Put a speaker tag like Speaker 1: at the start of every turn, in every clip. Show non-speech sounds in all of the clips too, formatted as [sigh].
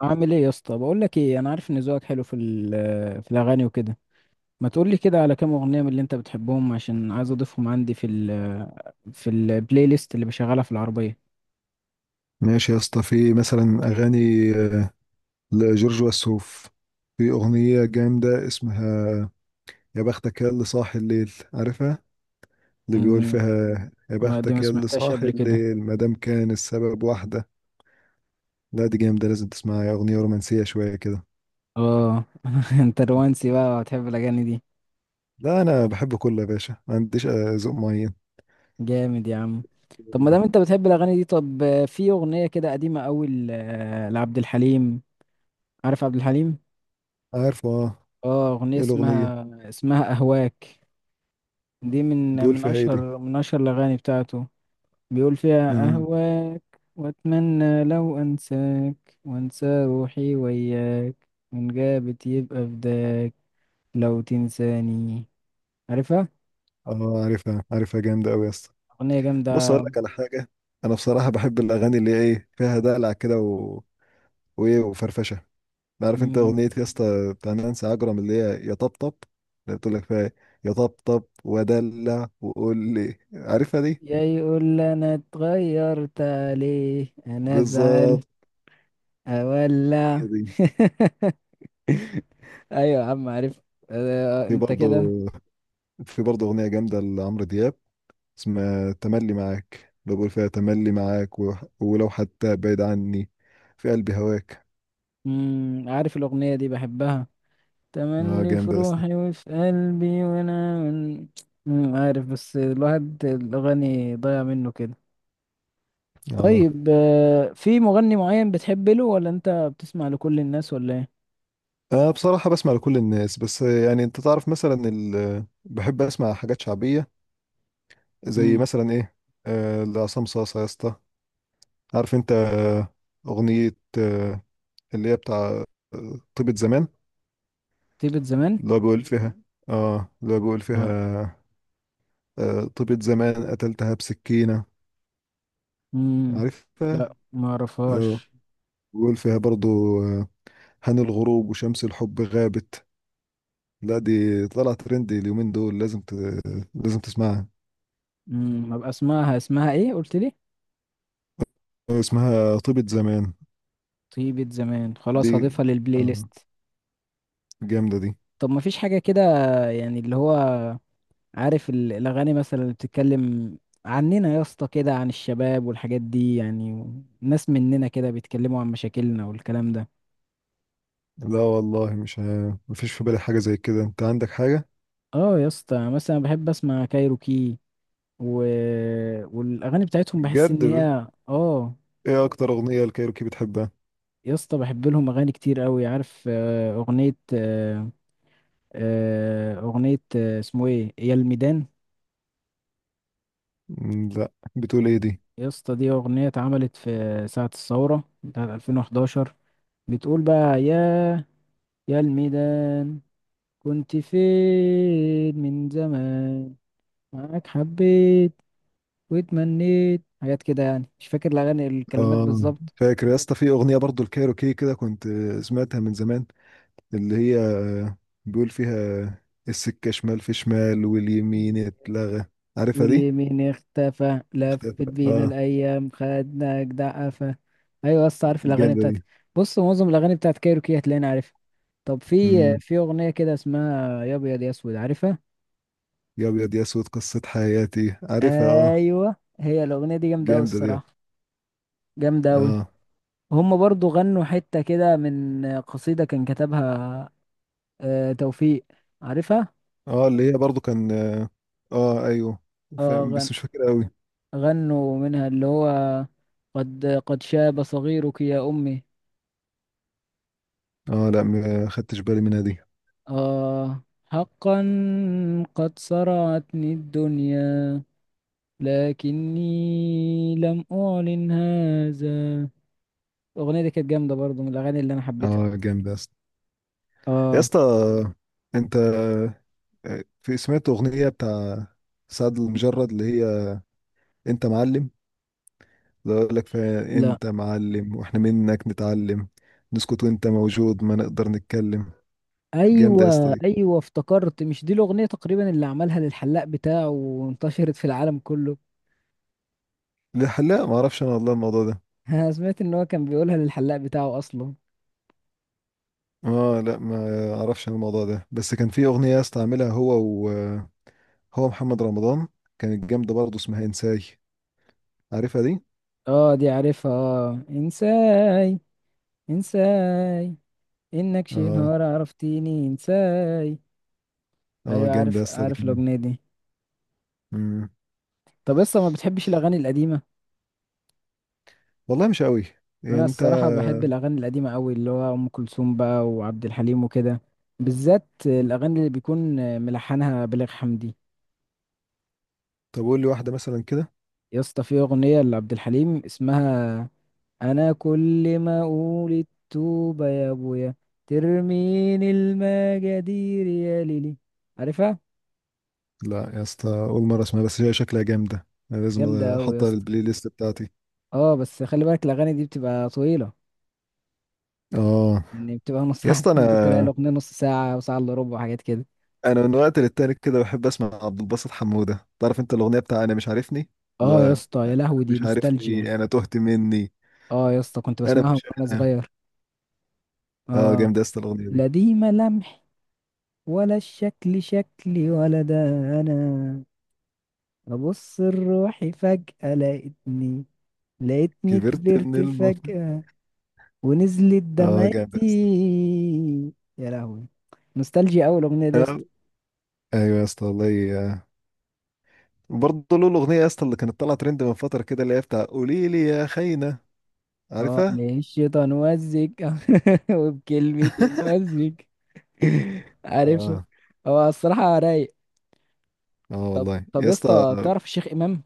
Speaker 1: عامل ايه يا اسطى؟ بقول لك ايه، انا عارف ان ذوقك حلو في في الاغاني وكده. ما تقول لي كده على كام اغنيه من اللي انت بتحبهم، عشان عايز اضيفهم عندي في ال آه، في البلاي ليست اللي بشغلها في العربيه.
Speaker 2: ماشي يا اسطى، في مثلا اغاني لجورج وسوف. في اغنيه جامده اسمها يا بختك يا اللي صاحي الليل، عارفها؟ اللي بيقول
Speaker 1: امم
Speaker 2: فيها يا
Speaker 1: ما دي ما
Speaker 2: بختك يا اللي
Speaker 1: سمعتهاش
Speaker 2: صاحي
Speaker 1: قبل كده.
Speaker 2: الليل ما دام كان السبب واحده. لا دي جامده، لازم تسمعها، يا اغنيه رومانسيه شويه كده.
Speaker 1: اه، [laughs] انت رومانسي بقى وهتحب الاغاني دي؟
Speaker 2: لا انا بحب كله يا باشا، ما عنديش ذوق معين.
Speaker 1: جامد يا عم. طب ما دام انت بتحب الاغاني دي، طب في اغنيه كده قديمه قوي لعبد الحليم. عارف عبد الحليم؟
Speaker 2: عارفه اه.
Speaker 1: اه، اغنيه
Speaker 2: ايه الاغنيه؟
Speaker 1: اسمها اهواك. دي من
Speaker 2: بيقول
Speaker 1: من
Speaker 2: فيها ايه دي؟
Speaker 1: اشهر الاغاني بتاعته. بيقول فيها:
Speaker 2: مم.
Speaker 1: أهواك، وأتمنى لو أنساك، وأنسى روحي وياك، وإن غابت يبقى فداك لو تنساني. عارفها؟
Speaker 2: اه، عارفها عارفها، جامده قوي يا اسطى.
Speaker 1: أغنية
Speaker 2: بص اقول
Speaker 1: جامدة.
Speaker 2: لك على حاجه. انا بصراحه بحب الاغاني اللي هي ايه، فيها دلع كده، وايه وفرفشه. عارف انت
Speaker 1: مم.
Speaker 2: اغنيه يا اسطى بتاع نانسي عجرم اللي هي يا طبطب. اللي بتقول لك فيها إيه؟ يا طبطب ودلع، وقول لي عارفها دي.
Speaker 1: يا يقول لي أنا اتغيرت عليه، أنا أزعل،
Speaker 2: بالظبط.
Speaker 1: أولع.
Speaker 2: هي دي.
Speaker 1: [laughs] أيوة يا عم، عارف. أه
Speaker 2: في
Speaker 1: أنت
Speaker 2: برضه
Speaker 1: كده.
Speaker 2: في برضه اغنيه جامده لعمرو دياب، اسمها تملي معاك، اللي بقول فيها تملي معاك ولو حتى بعيد عني، في قلبي هواك.
Speaker 1: مم، عارف الأغنية دي بحبها.
Speaker 2: اه
Speaker 1: تملي في
Speaker 2: جامده يا اسطى.
Speaker 1: روحي وفي قلبي وانا من... مم، عارف، بس الواحد الاغاني ضايع منه كده.
Speaker 2: اه،
Speaker 1: طيب في مغني معين بتحب له، ولا انت بتسمع لكل الناس، ولا ايه؟
Speaker 2: أنا بصراحة بسمع لكل الناس، بس يعني أنت تعرف مثلا بحب أسمع حاجات شعبية، زي
Speaker 1: امم.
Speaker 2: مثلا ايه. لعصام صاصا يا اسطى. عارف انت اغنية اللي هي بتاع طيبة زمان،
Speaker 1: تيبت زمان.
Speaker 2: اللي هو بيقول فيها اه اللي هو بيقول
Speaker 1: لا.
Speaker 2: فيها طيبة زمان قتلتها بسكينة.
Speaker 1: امم.
Speaker 2: عارفها
Speaker 1: لا ما
Speaker 2: اه.
Speaker 1: اعرفهاش.
Speaker 2: بيقول فيها برضو آه هان الغروب وشمس الحب غابت. لا دي طلعت ترند اليومين دول، لازم تسمعها.
Speaker 1: امم، ابقى اسمعها. اسمها ايه قلت لي؟
Speaker 2: اسمها طيبة زمان.
Speaker 1: طيبة زمان،
Speaker 2: دي
Speaker 1: خلاص هضيفها للبلاي
Speaker 2: آه
Speaker 1: ليست.
Speaker 2: جامدة دي.
Speaker 1: طب ما فيش حاجة كده يعني، اللي هو عارف الأغاني مثلا اللي بتتكلم عننا يا اسطى، كده عن الشباب والحاجات دي يعني، ناس مننا كده بيتكلموا عن مشاكلنا والكلام ده.
Speaker 2: لا والله، مش مفيش في بالي حاجة زي كده. انت عندك حاجة؟
Speaker 1: اه يا اسطى، مثلا بحب اسمع كايروكي، و... والاغاني بتاعتهم بحس
Speaker 2: بجد
Speaker 1: ان هي اه.
Speaker 2: ايه اكتر اغنية الكايروكي بتحبها؟
Speaker 1: يا اسطى بحب لهم اغاني كتير قوي. عارف آه، اغنية آه، آه، اغنية آه، اسمه ايه، يا الميدان.
Speaker 2: لا، بتقول ايه دي؟
Speaker 1: يا اسطى دي اغنية اتعملت في ساعة الثورة بتاعت 2011. بتقول بقى: يا الميدان، كنت فين من زمان، معاك حبيت واتمنيت حاجات كده يعني. مش فاكر الأغاني الكلمات
Speaker 2: اه،
Speaker 1: بالظبط.
Speaker 2: فاكر يا اسطى في اغنية برضو الكايروكي كده، كنت سمعتها من زمان، اللي هي بيقول فيها السكة شمال في شمال واليمين اتلغى. عارفها دي؟
Speaker 1: واليمين اختفى، لفت
Speaker 2: اختفى
Speaker 1: بينا
Speaker 2: اه.
Speaker 1: الأيام، خدنا جدع قفا. أيوة، بس عارف الأغاني
Speaker 2: جامدة
Speaker 1: بتاعتك،
Speaker 2: دي.
Speaker 1: بص، معظم الأغاني بتاعت كايروكي هتلاقيني عارفها. طب في،
Speaker 2: امم.
Speaker 1: في أغنية كده اسمها يا أبيض يا أسود، عارفها؟
Speaker 2: يا ابيض يا اسود قصة حياتي، عارفها اه.
Speaker 1: أيوة، هي الأغنية دي جامدة أوي
Speaker 2: جامدة دي.
Speaker 1: الصراحة. جامدة أوي.
Speaker 2: اه
Speaker 1: هما برضو غنوا حتة كده من قصيدة كان كتبها آه توفيق، عارفها؟
Speaker 2: اه، اللي هي برضو كان ايوه،
Speaker 1: اه،
Speaker 2: فاهم بس مش فاكر قوي.
Speaker 1: غنوا منها اللي هو: قد شاب صغيرك يا أمي،
Speaker 2: اه، لا، ما خدتش بالي منها دي.
Speaker 1: اه، حقا قد صرعتني الدنيا، لكني لم أعلن هذا. الأغنية دي كانت جامدة برضو من الأغاني اللي أنا حبيتها.
Speaker 2: اه جامد يا اسطى. يا
Speaker 1: اه.
Speaker 2: اسطى انت في سمعت اغنيه بتاع سعد المجرد اللي هي انت معلم، اللي اقول لك فيها
Speaker 1: لا.
Speaker 2: انت معلم واحنا منك نتعلم، نسكت وانت موجود ما نقدر نتكلم. جامده يا اسطى
Speaker 1: ايوه
Speaker 2: دي.
Speaker 1: ايوه افتكرت، مش دي الاغنيه تقريبا اللي عملها للحلاق بتاعه وانتشرت في العالم كله؟
Speaker 2: لا لا، ما اعرفش انا والله الموضوع ده.
Speaker 1: [laughs] انا سمعت ان هو كان بيقولها للحلاق بتاعه اصلا.
Speaker 2: اه، لا، ما اعرفش انا الموضوع ده، بس كان في اغنيه يا اسطى عاملها هو، هو محمد رمضان. كانت جامدة برضه، اسمها انساي. عارفها دي؟
Speaker 1: اه، دي عارفها، اه، انساي. انساي، انك شي
Speaker 2: اه
Speaker 1: نهار عرفتيني انساي.
Speaker 2: اه،
Speaker 1: ايوه
Speaker 2: جامدة
Speaker 1: عارف،
Speaker 2: يا اسطى دي
Speaker 1: عارف
Speaker 2: كمان.
Speaker 1: الاغنيه دي.
Speaker 2: مم.
Speaker 1: طب لسه ما بتحبش الاغاني القديمه؟
Speaker 2: والله مش قوي. يعني
Speaker 1: انا
Speaker 2: انت،
Speaker 1: الصراحه بحب الاغاني القديمه قوي، اللي هو ام كلثوم بقى وعبد الحليم وكده. بالذات الاغاني اللي بيكون ملحنها بليغ حمدي.
Speaker 2: طب قول لي واحدة مثلا كده.
Speaker 1: يا اسطى في اغنيه لعبد الحليم اسمها: انا كل ما اقول التوبه يا ابويا، ترميني المجادير يا ليلي. عارفها؟
Speaker 2: لا يا اسطى، اول مرة اسمها، بس هي شكلها جامدة، انا لازم
Speaker 1: جامدة أوي يا
Speaker 2: احطها
Speaker 1: اسطى.
Speaker 2: للبلاي ليست بتاعتي.
Speaker 1: اه، بس خلي بالك الأغاني دي بتبقى طويلة.
Speaker 2: اه
Speaker 1: يعني بتبقى نص
Speaker 2: يا
Speaker 1: ساعة.
Speaker 2: اسطى
Speaker 1: [laughs] ممكن تلاقي
Speaker 2: انا
Speaker 1: الأغنية نص ساعة، وساعة إلا ربع، وحاجات كده.
Speaker 2: انا من وقت للتاني كده بحب اسمع عبد الباسط حمودة، تعرف انت الاغنية بتاع انا مش عارفني؟
Speaker 1: اه يا
Speaker 2: لا،
Speaker 1: اسطى،
Speaker 2: أنا
Speaker 1: يا لهوي دي
Speaker 2: مش
Speaker 1: نوستالجيا.
Speaker 2: عارفني، انا تهت مني.
Speaker 1: اه يا اسطى كنت
Speaker 2: انا
Speaker 1: بسمعها
Speaker 2: مش
Speaker 1: وأنا
Speaker 2: انا.
Speaker 1: صغير.
Speaker 2: اه،
Speaker 1: اه.
Speaker 2: جامدة يا اسطى الاغنية دي.
Speaker 1: لا دي ملامح، ولا الشكل شكلي، ولا ده أنا. أبص لروحي فجأة لقيتني، لقيتني
Speaker 2: كبرت من
Speaker 1: كبرت
Speaker 2: الم.
Speaker 1: فجأة، ونزلت
Speaker 2: اه
Speaker 1: دمعتي.
Speaker 2: جامدة يا
Speaker 1: يا لهوي، نوستالجيا أوي الأغنية دي يا
Speaker 2: اسطى.
Speaker 1: اسطى.
Speaker 2: ايوه يا اسطى والله. برضه له الاغنيه يا اسطى اللي كانت طالعه ترند من فتره كده، اللي هي بتاع قولي لي يا خاينه.
Speaker 1: اه،
Speaker 2: عارفها؟
Speaker 1: للشيطان وزك. [laughs] وبكلمة
Speaker 2: [laughs]
Speaker 1: وزك. عارفها؟
Speaker 2: اه.
Speaker 1: [laughs] هو الصراحة رايق.
Speaker 2: اه والله
Speaker 1: طب
Speaker 2: يا
Speaker 1: يا
Speaker 2: اسطى.
Speaker 1: اسطى تعرف الشيخ إمام؟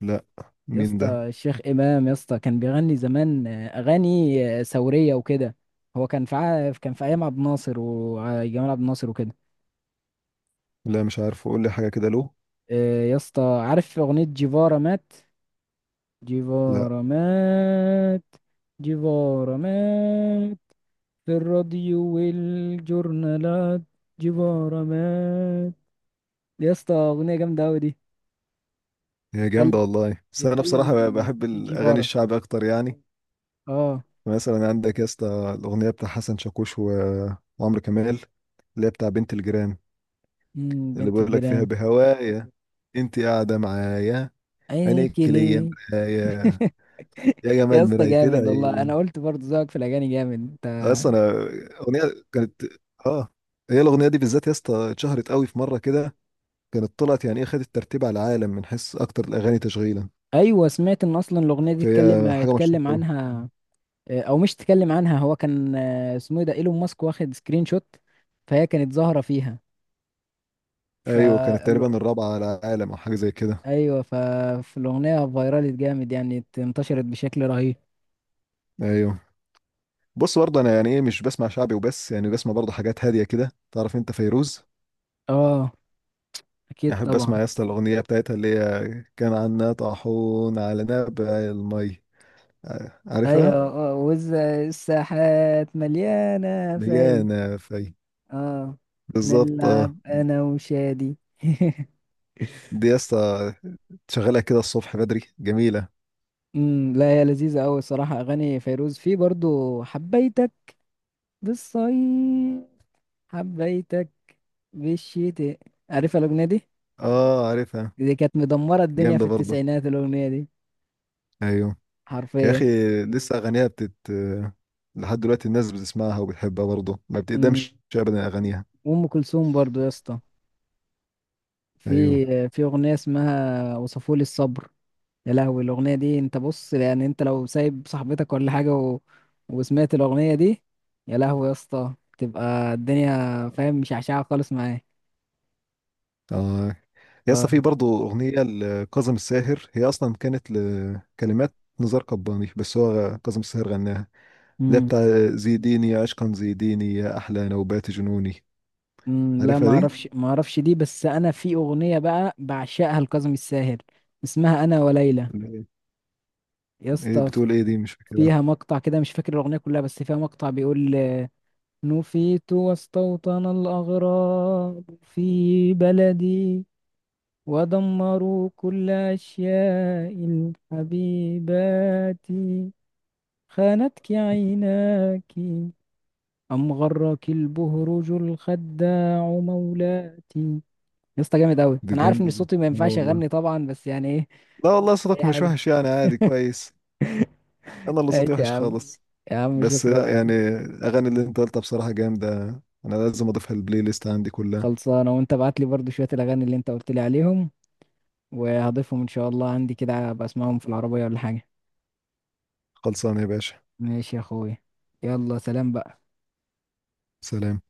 Speaker 2: لا،
Speaker 1: يا
Speaker 2: مين
Speaker 1: اسطى
Speaker 2: ده؟
Speaker 1: الشيخ إمام يا اسطى كان بيغني زمان أغاني ثورية وكده. هو كان في كان في أيام عبد الناصر وجمال عبد الناصر وكده.
Speaker 2: لا مش عارفه، قول لي حاجه كده له.
Speaker 1: يا اسطى عارف أغنية جيفارا مات؟
Speaker 2: لا
Speaker 1: جيفارا مات، جيفارا مات في الراديو والجورنالات، جيفارا مات. يا اسطى اغنيه جامده قوي دي.
Speaker 2: هي جامده
Speaker 1: بيتكلم
Speaker 2: والله، بس انا
Speaker 1: بيتكلم
Speaker 2: بصراحه
Speaker 1: عن
Speaker 2: بحب
Speaker 1: شي
Speaker 2: الاغاني
Speaker 1: جيفارا.
Speaker 2: الشعبي اكتر يعني.
Speaker 1: اه.
Speaker 2: مثلا عندك يا اسطى الاغنيه بتاع حسن شاكوش وعمرو كمال، اللي هي بتاع بنت الجيران،
Speaker 1: امم،
Speaker 2: اللي
Speaker 1: بنت
Speaker 2: بيقول لك فيها
Speaker 1: الجيران.
Speaker 2: بهوايا انت قاعده معايا،
Speaker 1: عينيك
Speaker 2: عينيك ليا
Speaker 1: ليه.
Speaker 2: مرايا، يا
Speaker 1: [laughs] يا
Speaker 2: جمال
Speaker 1: اسطى
Speaker 2: مراية
Speaker 1: جامد والله، انا
Speaker 2: العين.
Speaker 1: قلت برضه ذوقك في الاغاني جامد انت.
Speaker 2: اصلا انا اغنيه كانت اه هي الاغنيه دي بالذات يا اسطى اتشهرت قوي في مره كده. كانت طلعت يعني ايه، خدت ترتيب على العالم من حيث اكتر الاغاني تشغيلا،
Speaker 1: ايوه سمعت ان اصلا الاغنيه دي اتكلم
Speaker 2: فهي حاجه مشهوره
Speaker 1: اتكلم
Speaker 2: قوي.
Speaker 1: عنها. او مش اتكلم عنها، هو كان اسمه إيه ده، ايلون ماسك، واخد سكرين شوت، فهي كانت ظاهره فيها. ف
Speaker 2: ايوه كانت تقريبا الرابعه على العالم او حاجه زي كده.
Speaker 1: ايوه ففي الاغنيه فايرالت جامد، يعني انتشرت بشكل رهيب.
Speaker 2: ايوه، بص برضه انا يعني ايه، مش بسمع شعبي وبس، يعني بسمع برضه حاجات هاديه كده. تعرف انت فيروز؟
Speaker 1: اه، اكيد
Speaker 2: يعني احب
Speaker 1: طبعا.
Speaker 2: اسمع يا اسطى الاغنيه بتاعتها اللي هي كان عنا طاحون على نبع المي.
Speaker 1: ايوه،
Speaker 2: عارفها.
Speaker 1: اه، وز الساحات مليانه في.
Speaker 2: ديانا في.
Speaker 1: اه.
Speaker 2: بالظبط اه.
Speaker 1: نلعب انا وشادي. [laughs]
Speaker 2: دي يا اسطى شغالة كده الصبح بدري جميلة.
Speaker 1: امم، لا هي لذيذه قوي الصراحه. اغاني فيروز، في برضو حبيتك بالصيف، حبيتك بالشتاء. عارفه الاغنيه دي؟
Speaker 2: اه عارفها.
Speaker 1: دي كانت مدمره الدنيا في
Speaker 2: جامدة برضه.
Speaker 1: التسعينات الاغنيه دي.
Speaker 2: ايوه يا
Speaker 1: حرفيا.
Speaker 2: اخي، لسه اغانيها بتت، لحد دلوقتي الناس بتسمعها وبتحبها، برضه ما
Speaker 1: امم.
Speaker 2: بتقدمش ابدا اغانيها.
Speaker 1: وام كلثوم برضو يا اسطى،
Speaker 2: ايوه،
Speaker 1: في اغنيه اسمها وصفولي الصبر. يا لهوي الاغنيه دي، انت بص، يعني انت لو سايب صاحبتك ولا حاجه، و... وسمعت الاغنيه دي، يا لهوي يا اسطى تبقى الدنيا فاهم مشعشعه خالص معاك.
Speaker 2: اه يا
Speaker 1: اه.
Speaker 2: اسطى، في برضه اغنية لكاظم الساهر، هي اصلا كانت لكلمات نزار قباني، بس هو كاظم الساهر غناها، اللي هي
Speaker 1: امم.
Speaker 2: بتاع زيديني يا عشقا زيديني يا احلى نوبات جنوني.
Speaker 1: أمم، لا
Speaker 2: عارفها
Speaker 1: ما
Speaker 2: دي؟
Speaker 1: اعرفش ما اعرفش دي، بس انا في اغنيه بقى بعشقها لكاظم الساهر، اسمها انا وليلى.
Speaker 2: اللي هي-
Speaker 1: يا
Speaker 2: ايه
Speaker 1: اسطى
Speaker 2: بتقول ايه دي؟ مش فاكرها.
Speaker 1: فيها مقطع كده، مش فاكر الاغنيه كلها بس فيها مقطع بيقول: نفيت واستوطن الأغراب في بلدي، ودمروا كل أشياء الحبيبات، خانتك عيناك أم غرك البهرج الخداع مولاتي. يا اسطى جامد أوي.
Speaker 2: دي
Speaker 1: أنا عارف إن
Speaker 2: جامدة دي.
Speaker 1: صوتي ما
Speaker 2: اه
Speaker 1: ينفعش
Speaker 2: والله،
Speaker 1: أغني طبعا بس يعني إيه،
Speaker 2: لا والله
Speaker 1: أي
Speaker 2: صوتك مش
Speaker 1: حاجة.
Speaker 2: وحش يعني، عادي كويس. انا اللي
Speaker 1: ماشي
Speaker 2: صوتي
Speaker 1: يا
Speaker 2: وحش
Speaker 1: عم،
Speaker 2: خالص.
Speaker 1: يا عم
Speaker 2: بس
Speaker 1: شكرا
Speaker 2: لا
Speaker 1: يا
Speaker 2: يعني،
Speaker 1: عم.
Speaker 2: اغاني اللي انت قلتها بصراحة جامدة، انا لازم اضيفها البلاي ليست عندي كلها.
Speaker 1: خلصانة، وأنت ابعت لي برضو شوية الأغاني اللي أنت قلت لي عليهم، وهضيفهم إن شاء الله عندي كده، أبقى أسمعهم في العربية ولا حاجة.
Speaker 2: خلصانة يا باشا.
Speaker 1: ماشي يا أخويا، يلا سلام بقى.
Speaker 2: سلام.